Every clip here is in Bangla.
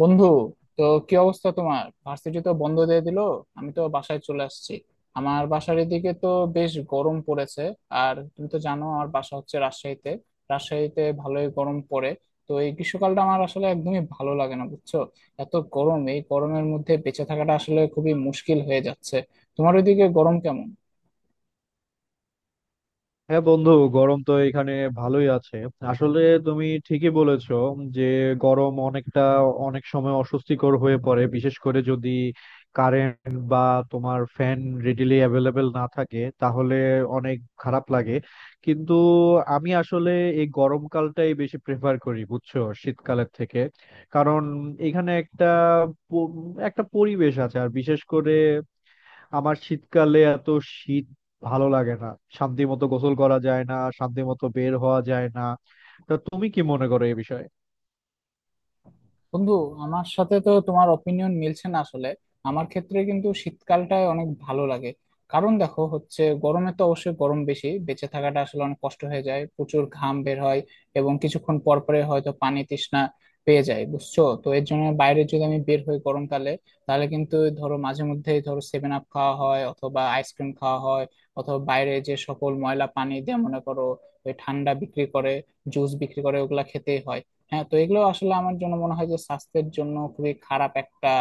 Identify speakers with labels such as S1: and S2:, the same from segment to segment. S1: বন্ধু, তো কি অবস্থা? তোমার ভার্সিটি তো বন্ধ দিয়ে দিল। আমি তো বাসায় চলে আসছি। আমার বাসার এদিকে তো বেশ গরম পড়েছে। আর তুমি তো জানো আমার বাসা হচ্ছে রাজশাহীতে। রাজশাহীতে ভালোই গরম পড়ে। তো এই গ্রীষ্মকালটা আমার আসলে একদমই ভালো লাগে না, বুঝছো? এত গরম, এই গরমের মধ্যে বেঁচে থাকাটা আসলে খুবই মুশকিল হয়ে যাচ্ছে। তোমার ওইদিকে গরম কেমন?
S2: হ্যাঁ বন্ধু, গরম তো এখানে ভালোই আছে। আসলে তুমি ঠিকই বলেছো যে গরম অনেকটা, অনেক সময় অস্বস্তিকর হয়ে পড়ে, বিশেষ করে যদি কারেন্ট বা তোমার ফ্যান রেডিলি অ্যাভেলেবেল না থাকে তাহলে অনেক খারাপ লাগে। কিন্তু আমি আসলে এই গরমকালটাই বেশি প্রেফার করি বুঝছো, শীতকালের থেকে। কারণ এখানে একটা প- একটা পরিবেশ আছে, আর বিশেষ করে আমার শীতকালে এত শীত ভালো লাগে না, শান্তি মতো গোসল করা যায় না, শান্তি মতো বের হওয়া যায় না। তা তুমি কি মনে করো এই বিষয়ে?
S1: বন্ধু, আমার সাথে তো তোমার অপিনিয়ন মিলছে না আসলে। আমার ক্ষেত্রে কিন্তু শীতকালটাই অনেক ভালো লাগে। কারণ দেখো, হচ্ছে গরমে তো অবশ্যই গরম বেশি, বেঁচে থাকাটা আসলে অনেক কষ্ট হয়ে যায়, প্রচুর ঘাম বের হয় এবং কিছুক্ষণ পর পরে হয়তো পানি তৃষ্ণা পেয়ে যায়, বুঝছো? তো এর জন্য বাইরে যদি আমি বের হই গরমকালে, তাহলে কিন্তু ধরো মাঝে মধ্যে ধরো সেভেন আপ খাওয়া হয় অথবা আইসক্রিম খাওয়া হয়, অথবা বাইরে যে সকল ময়লা পানি দিয়ে মনে করো ওই ঠান্ডা বিক্রি করে, জুস বিক্রি করে, ওগুলা খেতেই হয়। হ্যাঁ, তো এগুলো আসলে আমার জন্য মনে হয় যে স্বাস্থ্যের জন্য খুবই খারাপ একটা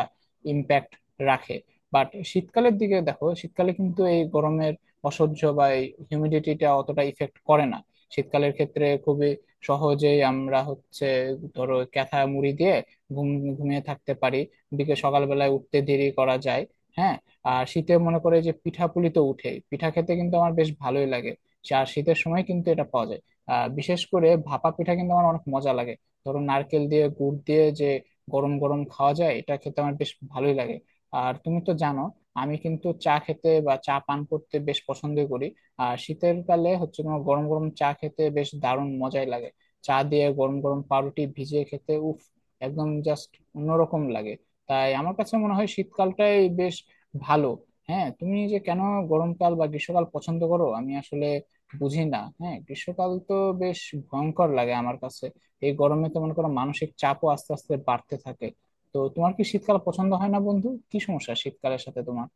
S1: ইম্প্যাক্ট রাখে। বাট শীতকালের দিকে দেখো, শীতকালে কিন্তু এই গরমের অসহ্য বা এই হিউমিডিটিটা অতটা ইফেক্ট করে না। শীতকালের ক্ষেত্রে খুবই সহজেই আমরা হচ্ছে ধরো ক্যাথা মুড়ি দিয়ে ঘুম ঘুমিয়ে থাকতে পারি। বিকেল সকালবেলায় উঠতে দেরি করা যায়। হ্যাঁ, আর শীতে মনে করে যে পিঠাপুলি তো উঠে, পিঠা খেতে কিন্তু আমার বেশ ভালোই লাগে। আর শীতের সময় কিন্তু এটা পাওয়া যায়। আহ, বিশেষ করে ভাপা পিঠা কিন্তু আমার অনেক মজা লাগে। ধরো নারকেল দিয়ে গুড় দিয়ে যে গরম গরম খাওয়া যায়, এটা খেতে আমার বেশ ভালোই লাগে। আর তুমি তো জানো, আমি কিন্তু চা খেতে বা চা পান করতে বেশ পছন্দ করি। আর শীতের কালে হচ্ছে তোমার গরম গরম চা খেতে বেশ দারুণ মজাই লাগে। চা দিয়ে গরম গরম পাউরুটি ভিজিয়ে খেতে উফ, একদম জাস্ট অন্যরকম লাগে। তাই আমার কাছে মনে হয় শীতকালটাই বেশ ভালো। হ্যাঁ, তুমি যে কেন গরমকাল বা গ্রীষ্মকাল পছন্দ করো আমি আসলে বুঝি না। হ্যাঁ, গ্রীষ্মকাল তো বেশ ভয়ঙ্কর লাগে আমার কাছে। এই গরমে তো মনে করো মানসিক চাপও আস্তে আস্তে বাড়তে থাকে। তো তোমার কি শীতকাল পছন্দ হয় না, বন্ধু? কি সমস্যা শীতকালের সাথে তোমার?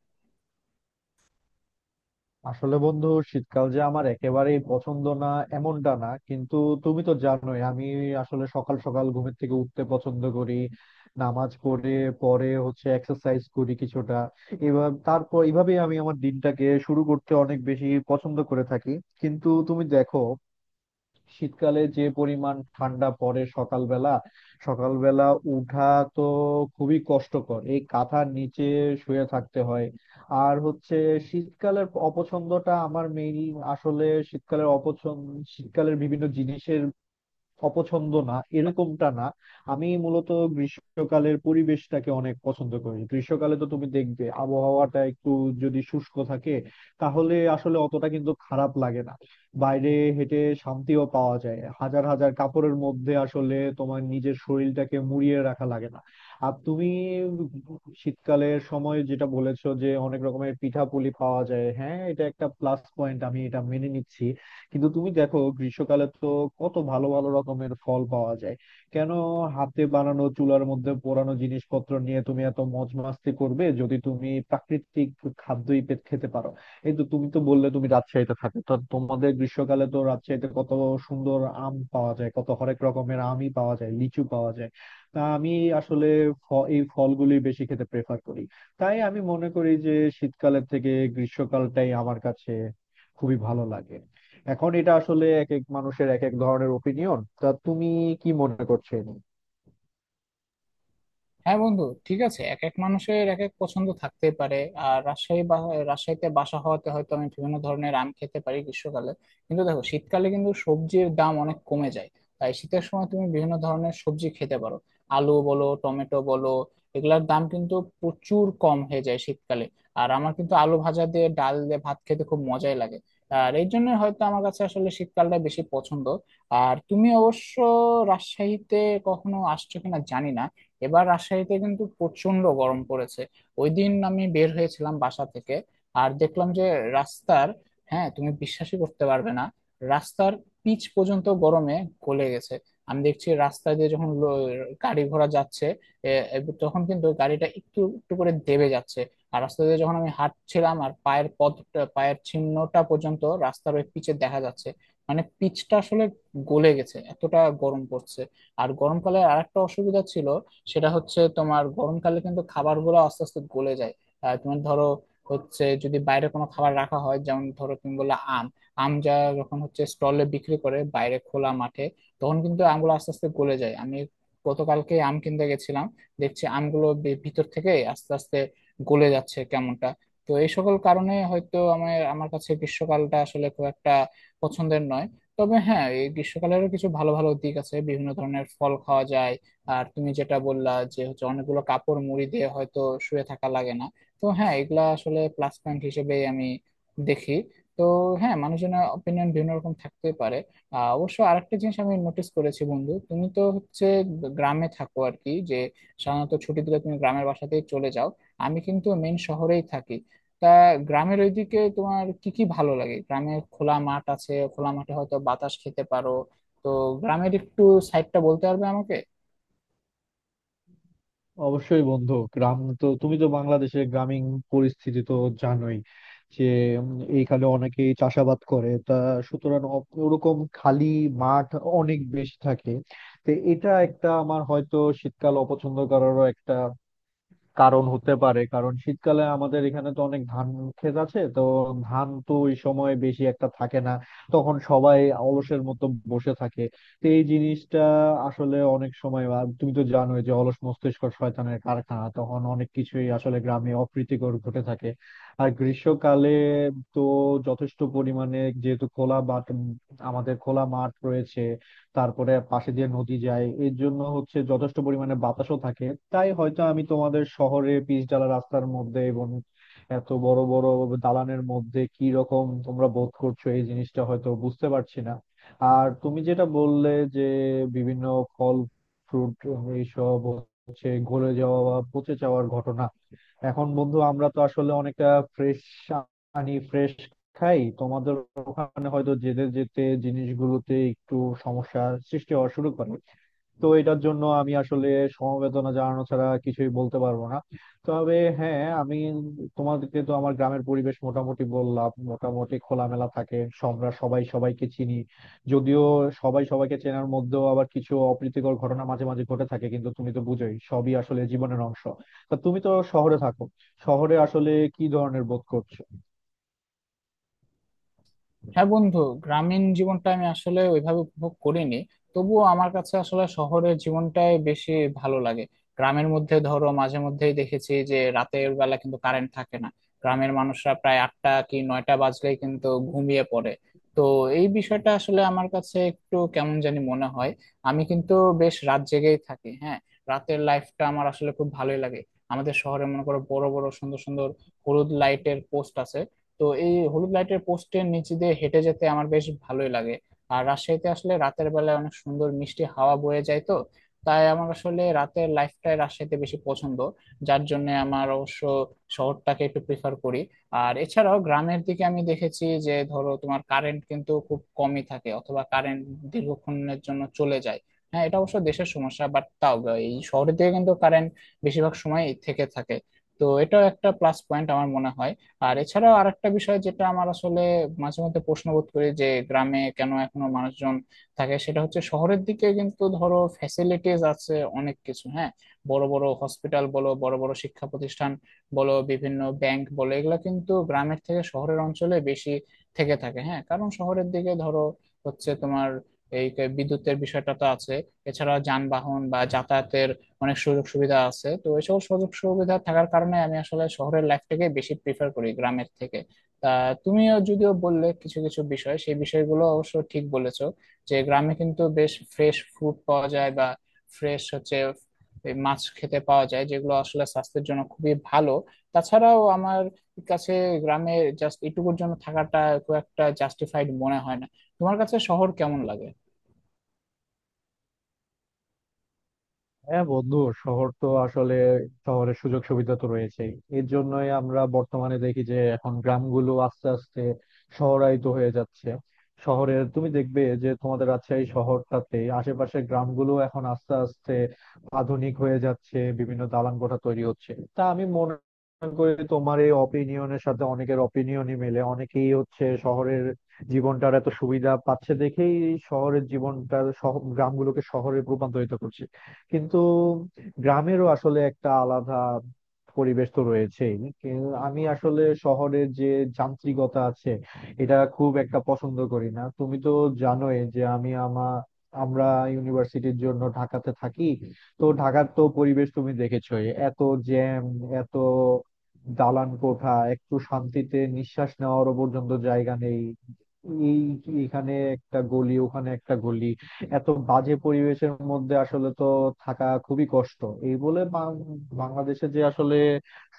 S2: আসলে বন্ধু, শীতকাল যে আমার একেবারেই পছন্দ না এমনটা না, কিন্তু তুমি তো জানোই আমি আসলে সকাল সকাল ঘুমের থেকে উঠতে পছন্দ করি, নামাজ পড়ে পরে হচ্ছে এক্সারসাইজ করি কিছুটা, এবার তারপর এইভাবেই আমি আমার দিনটাকে শুরু করতে অনেক বেশি পছন্দ করে থাকি। কিন্তু তুমি দেখো শীতকালে যে পরিমাণ ঠান্ডা পড়ে, সকালবেলা সকালবেলা উঠা তো খুবই কষ্টকর, এই কাঁথার নিচে শুয়ে থাকতে হয়। আর হচ্ছে শীতকালের অপছন্দটা আমার মেইন, আসলে শীতকালের অপছন্দ শীতকালের বিভিন্ন জিনিসের অপছন্দ না, এরকমটা না। আমি মূলত গ্রীষ্মকালের পরিবেশটাকে অনেক পছন্দ করি। গ্রীষ্মকালে তো তুমি দেখবে আবহাওয়াটা একটু যদি শুষ্ক থাকে তাহলে আসলে অতটা কিন্তু খারাপ লাগে না, বাইরে হেঁটে শান্তিও পাওয়া যায়, হাজার হাজার কাপড়ের মধ্যে আসলে তোমার নিজের শরীরটাকে মুড়িয়ে রাখা লাগে না। আর তুমি শীতকালের সময় যেটা বলেছো যে অনেক রকমের পিঠাপুলি পাওয়া যায়, হ্যাঁ, এটা একটা প্লাস পয়েন্ট, আমি এটা মেনে নিচ্ছি। কিন্তু তুমি দেখো গ্রীষ্মকালে তো কত ভালো ভালো রকমের ফল পাওয়া যায়। কেন হাতে বানানো চুলার মধ্যে পোড়ানো জিনিসপত্র নিয়ে তুমি এত মজ মাস্তি করবে, যদি তুমি প্রাকৃতিক খেতে পারো। এই তো তুমি তো বললে তুমি রাজশাহীতে থাকো, তো তোমাদের গ্রীষ্মকালে তো রাজশাহীতে কত সুন্দর আম পাওয়া যায়, কত হরেক রকমের আমই পাওয়া যায়, লিচু পাওয়া যায়। তা আমি আসলে এই ফলগুলি বেশি খেতে প্রেফার করি। তাই আমি মনে করি যে শীতকালের থেকে গ্রীষ্মকালটাই আমার কাছে খুবই ভালো লাগে। এখন এটা আসলে এক এক মানুষের এক এক ধরনের ওপিনিয়ন। তা তুমি কি মনে করছো এ নিয়ে?
S1: হ্যাঁ বন্ধু, ঠিক আছে, এক এক মানুষের এক এক পছন্দ থাকতে পারে। আর রাজশাহী বা রাজশাহীতে বাসা হওয়াতে হয়তো আমি বিভিন্ন ধরনের আম খেতে পারি গ্রীষ্মকালে। কিন্তু দেখো শীতকালে কিন্তু সবজির দাম অনেক কমে যায়। তাই শীতের সময় তুমি বিভিন্ন ধরনের সবজি খেতে পারো। আলু বলো, টমেটো বলো, এগুলার দাম কিন্তু প্রচুর কম হয়ে যায় শীতকালে। আর আমার কিন্তু আলু ভাজা দিয়ে ডাল দিয়ে ভাত খেতে খুব মজাই লাগে। আর এই জন্য হয়তো আমার কাছে আসলে শীতকালটা বেশি পছন্দ। আর তুমি অবশ্য রাজশাহীতে কখনো আসছো কিনা জানি না। এবার রাজশাহীতে কিন্তু প্রচন্ড গরম পড়েছে। ওই দিন আমি বের হয়েছিলাম বাসা থেকে আর দেখলাম যে রাস্তার, হ্যাঁ তুমি বিশ্বাসই করতে পারবে না, রাস্তার পিচ পর্যন্ত গরমে গলে গেছে। আমি দেখছি রাস্তা দিয়ে যখন গাড়ি ঘোড়া যাচ্ছে, এ, এ, তখন কিন্তু গাড়িটা একটু একটু করে দেবে যাচ্ছে। আর রাস্তা দিয়ে যখন আমি হাঁটছিলাম, আর পায়ের পদটা, পায়ের চিহ্নটা পর্যন্ত রাস্তার ওই পিচে দেখা যাচ্ছে। মানে পিচটা আসলে গলে গেছে, এতটা গরম পড়ছে। আর গরমকালে আরেকটা অসুবিধা ছিল, সেটা হচ্ছে তোমার গরমকালে কিন্তু খাবারগুলো আস্তে আস্তে গলে যায়। আহ, তোমার ধরো হচ্ছে যদি বাইরে কোনো খাবার রাখা হয়, যেমন ধরো তুমি বললে আম। আম যা যখন হচ্ছে স্টলে বিক্রি করে বাইরে খোলা মাঠে, তখন কিন্তু আমগুলো আস্তে আস্তে গলে যায়। আমি গতকালকে আম কিনতে গেছিলাম, দেখছি আমগুলো ভিতর থেকে আস্তে আস্তে গলে যাচ্ছে কেমনটা। তো এই সকল কারণে হয়তো আমার আমার কাছে গ্রীষ্মকালটা আসলে খুব একটা পছন্দের নয়। তবে হ্যাঁ, এই গ্রীষ্মকালেরও কিছু ভালো ভালো দিক আছে, বিভিন্ন ধরনের ফল খাওয়া যায়। আর তুমি যেটা বললা যে হচ্ছে অনেকগুলো কাপড় মুড়ি দিয়ে হয়তো শুয়ে থাকা লাগে না। তো হ্যাঁ, এগুলা আসলে প্লাস পয়েন্ট হিসেবেই আমি দেখি। তো হ্যাঁ, মানুষজনের অপিনিয়ন বিভিন্ন রকম থাকতে পারে। আহ, অবশ্য আরেকটা জিনিস আমি নোটিস করেছি, বন্ধু তুমি তো হচ্ছে গ্রামে থাকো আর কি, যে সাধারণত ছুটি দিলে তুমি গ্রামের বাসাতেই চলে যাও। আমি কিন্তু মেন শহরেই থাকি। তা গ্রামের ওইদিকে তোমার কি কি ভালো লাগে? গ্রামে খোলা মাঠ আছে, খোলা মাঠে হয়তো বাতাস খেতে পারো। তো গ্রামের একটু সাইডটা বলতে পারবে আমাকে?
S2: অবশ্যই বন্ধু, গ্রাম তো তুমি তো বাংলাদেশের গ্রামীণ পরিস্থিতি তো জানোই যে, উম, এইখানে অনেকেই চাষাবাদ করে। তা সুতরাং ওরকম খালি মাঠ অনেক বেশি থাকে। তো এটা একটা আমার হয়তো শীতকাল অপছন্দ করারও একটা কারণ হতে পারে, কারণ শীতকালে আমাদের এখানে তো অনেক ধান ক্ষেত আছে, তো ধান তো ওই সময় বেশি একটা থাকে না, তখন সবাই অলসের মতো বসে থাকে। তো এই জিনিসটা আসলে অনেক সময়, আর তুমি তো জানোই যে অলস মস্তিষ্ক শয়তানের কারখানা, তখন অনেক কিছুই আসলে গ্রামে অপ্রীতিকর ঘটে থাকে। আর গ্রীষ্মকালে তো যথেষ্ট পরিমাণে যেহেতু খোলা মাঠ, আমাদের খোলা মাঠ রয়েছে, তারপরে পাশে দিয়ে নদী যায়, এর জন্য হচ্ছে যথেষ্ট পরিমাণে বাতাসও থাকে। তাই হয়তো আমি তোমাদের শহরে পিচ ঢালা রাস্তার মধ্যে এবং এত বড় বড় দালানের মধ্যে কি রকম তোমরা বোধ করছো এই জিনিসটা হয়তো বুঝতে পারছি না। আর তুমি যেটা বললে যে বিভিন্ন ফল, ফ্রুট, এইসব হচ্ছে গলে যাওয়া বা পচে যাওয়ার ঘটনা, এখন বন্ধু আমরা তো আসলে অনেকটা ফ্রেশ আনি, ফ্রেশ খাই। তোমাদের ওখানে হয়তো যেতে যেতে জিনিসগুলোতে একটু সমস্যার সৃষ্টি হওয়া শুরু করে। তো এটার জন্য আমি আসলে সমবেদনা জানানো ছাড়া কিছুই বলতে পারবো না। তবে হ্যাঁ, আমি তোমাদেরকে তো আমার গ্রামের পরিবেশ মোটামুটি বললাম, মোটামুটি খোলামেলা থাকে, আমরা সবাই সবাইকে চিনি। যদিও সবাই সবাইকে চেনার মধ্যেও আবার কিছু অপ্রীতিকর ঘটনা মাঝে মাঝে ঘটে থাকে, কিন্তু তুমি তো বুঝোই সবই আসলে জীবনের অংশ। তা তুমি তো শহরে থাকো, শহরে আসলে কি ধরনের বোধ করছো?
S1: হ্যাঁ বন্ধু, গ্রামীণ জীবনটা আমি আসলে ওইভাবে উপভোগ করিনি। তবুও আমার কাছে আসলে শহরের জীবনটাই বেশি ভালো লাগে। গ্রামের মধ্যে ধরো মাঝে মধ্যেই দেখেছি যে রাতের বেলা কিন্তু কারেন্ট থাকে না। গ্রামের মানুষরা প্রায় আটটা কি নয়টা বাজলেই কিন্তু ঘুমিয়ে পড়ে। তো এই বিষয়টা আসলে আমার কাছে একটু কেমন জানি মনে হয়। আমি কিন্তু বেশ রাত জেগেই থাকি। হ্যাঁ, রাতের লাইফটা আমার আসলে খুব ভালোই লাগে। আমাদের শহরে মনে করো বড় বড় সুন্দর সুন্দর হলুদ লাইটের পোস্ট আছে। তো এই হলুদ লাইটের পোস্টের নিচে দিয়ে হেঁটে যেতে আমার বেশ ভালোই লাগে। আর রাজশাহীতে আসলে রাতের বেলায় অনেক সুন্দর মিষ্টি হাওয়া বয়ে যায়। তো তাই আমার আসলে রাতের লাইফটাই রাজশাহীতে বেশি পছন্দ। যার জন্য আমার অবশ্য শহরটাকে একটু প্রিফার করি। আর এছাড়াও গ্রামের দিকে আমি দেখেছি যে ধরো তোমার কারেন্ট কিন্তু খুব কমই থাকে, অথবা কারেন্ট দীর্ঘক্ষণের জন্য চলে যায়। হ্যাঁ, এটা অবশ্য দেশের সমস্যা, বাট তাও এই শহরের দিকে কিন্তু কারেন্ট বেশিরভাগ সময় থেকে থাকে। তো এটাও একটা প্লাস পয়েন্ট আমার মনে হয়। আর এছাড়াও আরেকটা বিষয় যেটা আমার আসলে মাঝে মধ্যে প্রশ্নবোধ করি যে গ্রামে কেন এখনো মানুষজন থাকে, সেটা হচ্ছে শহরের দিকে কিন্তু ধরো ফ্যাসিলিটিস আছে অনেক কিছু। হ্যাঁ, বড় বড় হসপিটাল বলো, বড় বড় শিক্ষা প্রতিষ্ঠান বলো, বিভিন্ন ব্যাংক বলো, এগুলো কিন্তু গ্রামের থেকে শহরের অঞ্চলে বেশি থেকে থাকে। হ্যাঁ, কারণ শহরের দিকে ধরো হচ্ছে তোমার এই বিদ্যুতের বিষয়টা তো আছে। এছাড়া যানবাহন বা যাতায়াতের অনেক সুযোগ সুবিধা আছে। তো এই সকল সুযোগ সুবিধা থাকার কারণে আমি আসলে শহরের লাইফটাকে বেশি প্রিফার করি গ্রামের থেকে। তা তুমিও যদিও বললে কিছু কিছু বিষয়, সেই বিষয়গুলো অবশ্য ঠিক বলেছো, যে গ্রামে কিন্তু বেশ ফ্রেশ ফুড পাওয়া যায়, বা ফ্রেশ হচ্ছে এই মাছ খেতে পাওয়া যায় যেগুলো আসলে স্বাস্থ্যের জন্য খুবই ভালো। তাছাড়াও আমার কাছে গ্রামে জাস্ট এটুকুর জন্য থাকাটা খুব একটা জাস্টিফাইড মনে হয় না। তোমার কাছে শহর কেমন লাগে?
S2: হ্যাঁ বন্ধু, শহর তো আসলে শহরের সুযোগ সুবিধা তো রয়েছেই, এর জন্যই আমরা বর্তমানে দেখি যে এখন গ্রামগুলো আস্তে আস্তে শহরায়িত হয়ে যাচ্ছে। শহরের তুমি দেখবে যে তোমাদের রাজশাহী শহরটাতে আশেপাশে গ্রামগুলো এখন আস্তে আস্তে আধুনিক হয়ে যাচ্ছে, বিভিন্ন দালান কোঠা তৈরি হচ্ছে। তা আমি মনে করি তোমার এই অপিনিয়নের সাথে অনেকের অপিনিয়নই মেলে। অনেকেই হচ্ছে শহরের জীবনটার এত সুবিধা পাচ্ছে দেখেই শহরের জীবনটার গ্রামগুলোকে শহরে রূপান্তরিত করছে। কিন্তু গ্রামেরও আসলে একটা আলাদা পরিবেশ তো রয়েছেই। আমি আসলে শহরের যে যান্ত্রিকতা আছে এটা খুব একটা পছন্দ করি না। তুমি তো জানোই যে আমি আমরা ইউনিভার্সিটির জন্য ঢাকাতে থাকি। তো ঢাকার তো পরিবেশ তুমি দেখেছোই, এত জ্যাম, এত দালান কোঠা, একটু শান্তিতে নিঃশ্বাস নেওয়ারও পর্যন্ত জায়গা নেই। এই এখানে একটা গলি, ওখানে একটা গলি, এত বাজে পরিবেশের মধ্যে আসলে তো থাকা খুবই কষ্ট। এই বলে বাংলাদেশে যে আসলে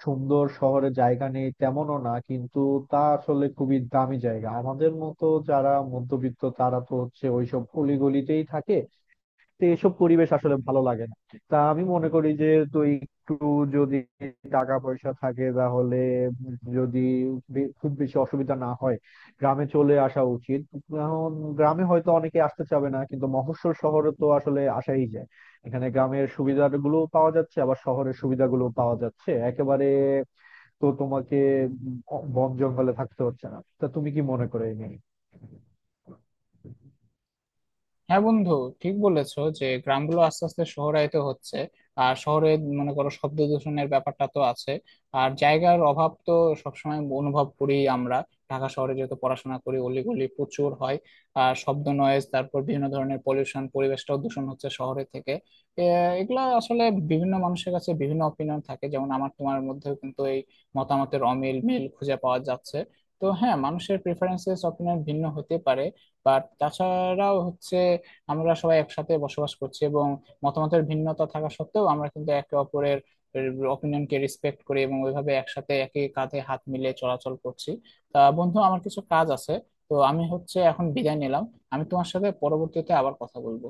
S2: সুন্দর শহরে জায়গা নেই তেমনও না, কিন্তু তা আসলে খুবই দামি জায়গা, আমাদের মতো যারা মধ্যবিত্ত তারা তো হচ্ছে ওইসব অলিগলিতেই থাকে। তো এসব পরিবেশ আসলে ভালো লাগে না। তা আমি মনে করি যে তুই একটু, যদি টাকা পয়সা থাকে তাহলে, যদি খুব বেশি অসুবিধা না হয়, গ্রামে চলে আসা উচিত এখন। গ্রামে হয়তো অনেকে আসতে চাবে না, কিন্তু মফস্বল শহরে তো আসলে আসাই যায়। এখানে গ্রামের সুবিধাগুলো পাওয়া যাচ্ছে, আবার শহরের সুবিধাগুলো পাওয়া যাচ্ছে একেবারে। তো তোমাকে বন জঙ্গলে থাকতে হচ্ছে না। তা তুমি কি মনে করো এই নিয়ে?
S1: হ্যাঁ বন্ধু, ঠিক বলেছো যে গ্রামগুলো আস্তে আস্তে শহরায়িত হচ্ছে। আর শহরে মনে করো শব্দ দূষণের ব্যাপারটা তো আছে। আর জায়গার অভাব তো সবসময় অনুভব করি আমরা, ঢাকা শহরে যেহেতু পড়াশোনা করি, অলিগলি প্রচুর হয়। আর শব্দ, নয়েজ, তারপর বিভিন্ন ধরনের পলিউশন, পরিবেশটাও দূষণ হচ্ছে শহরে থেকে। এ, এগুলা আসলে বিভিন্ন মানুষের কাছে বিভিন্ন অপিনিয়ন থাকে, যেমন আমার তোমার মধ্যেও কিন্তু এই মতামতের অমিল মিল খুঁজে পাওয়া যাচ্ছে। তো হ্যাঁ, মানুষের প্রেফারেন্সেস অপিনিয়ন ভিন্ন হতে পারে। বাট তাছাড়াও হচ্ছে আমরা সবাই একসাথে বসবাস করছি, এবং মতামতের ভিন্নতা থাকা সত্ত্বেও আমরা কিন্তু একে অপরের অপিনিয়নকে রেসপেক্ট করি, এবং ওইভাবে একসাথে একই কাঁধে হাত মিলিয়ে চলাচল করছি। তা বন্ধু, আমার কিছু কাজ আছে, তো আমি হচ্ছে এখন বিদায় নিলাম। আমি তোমার সাথে পরবর্তীতে আবার কথা বলবো।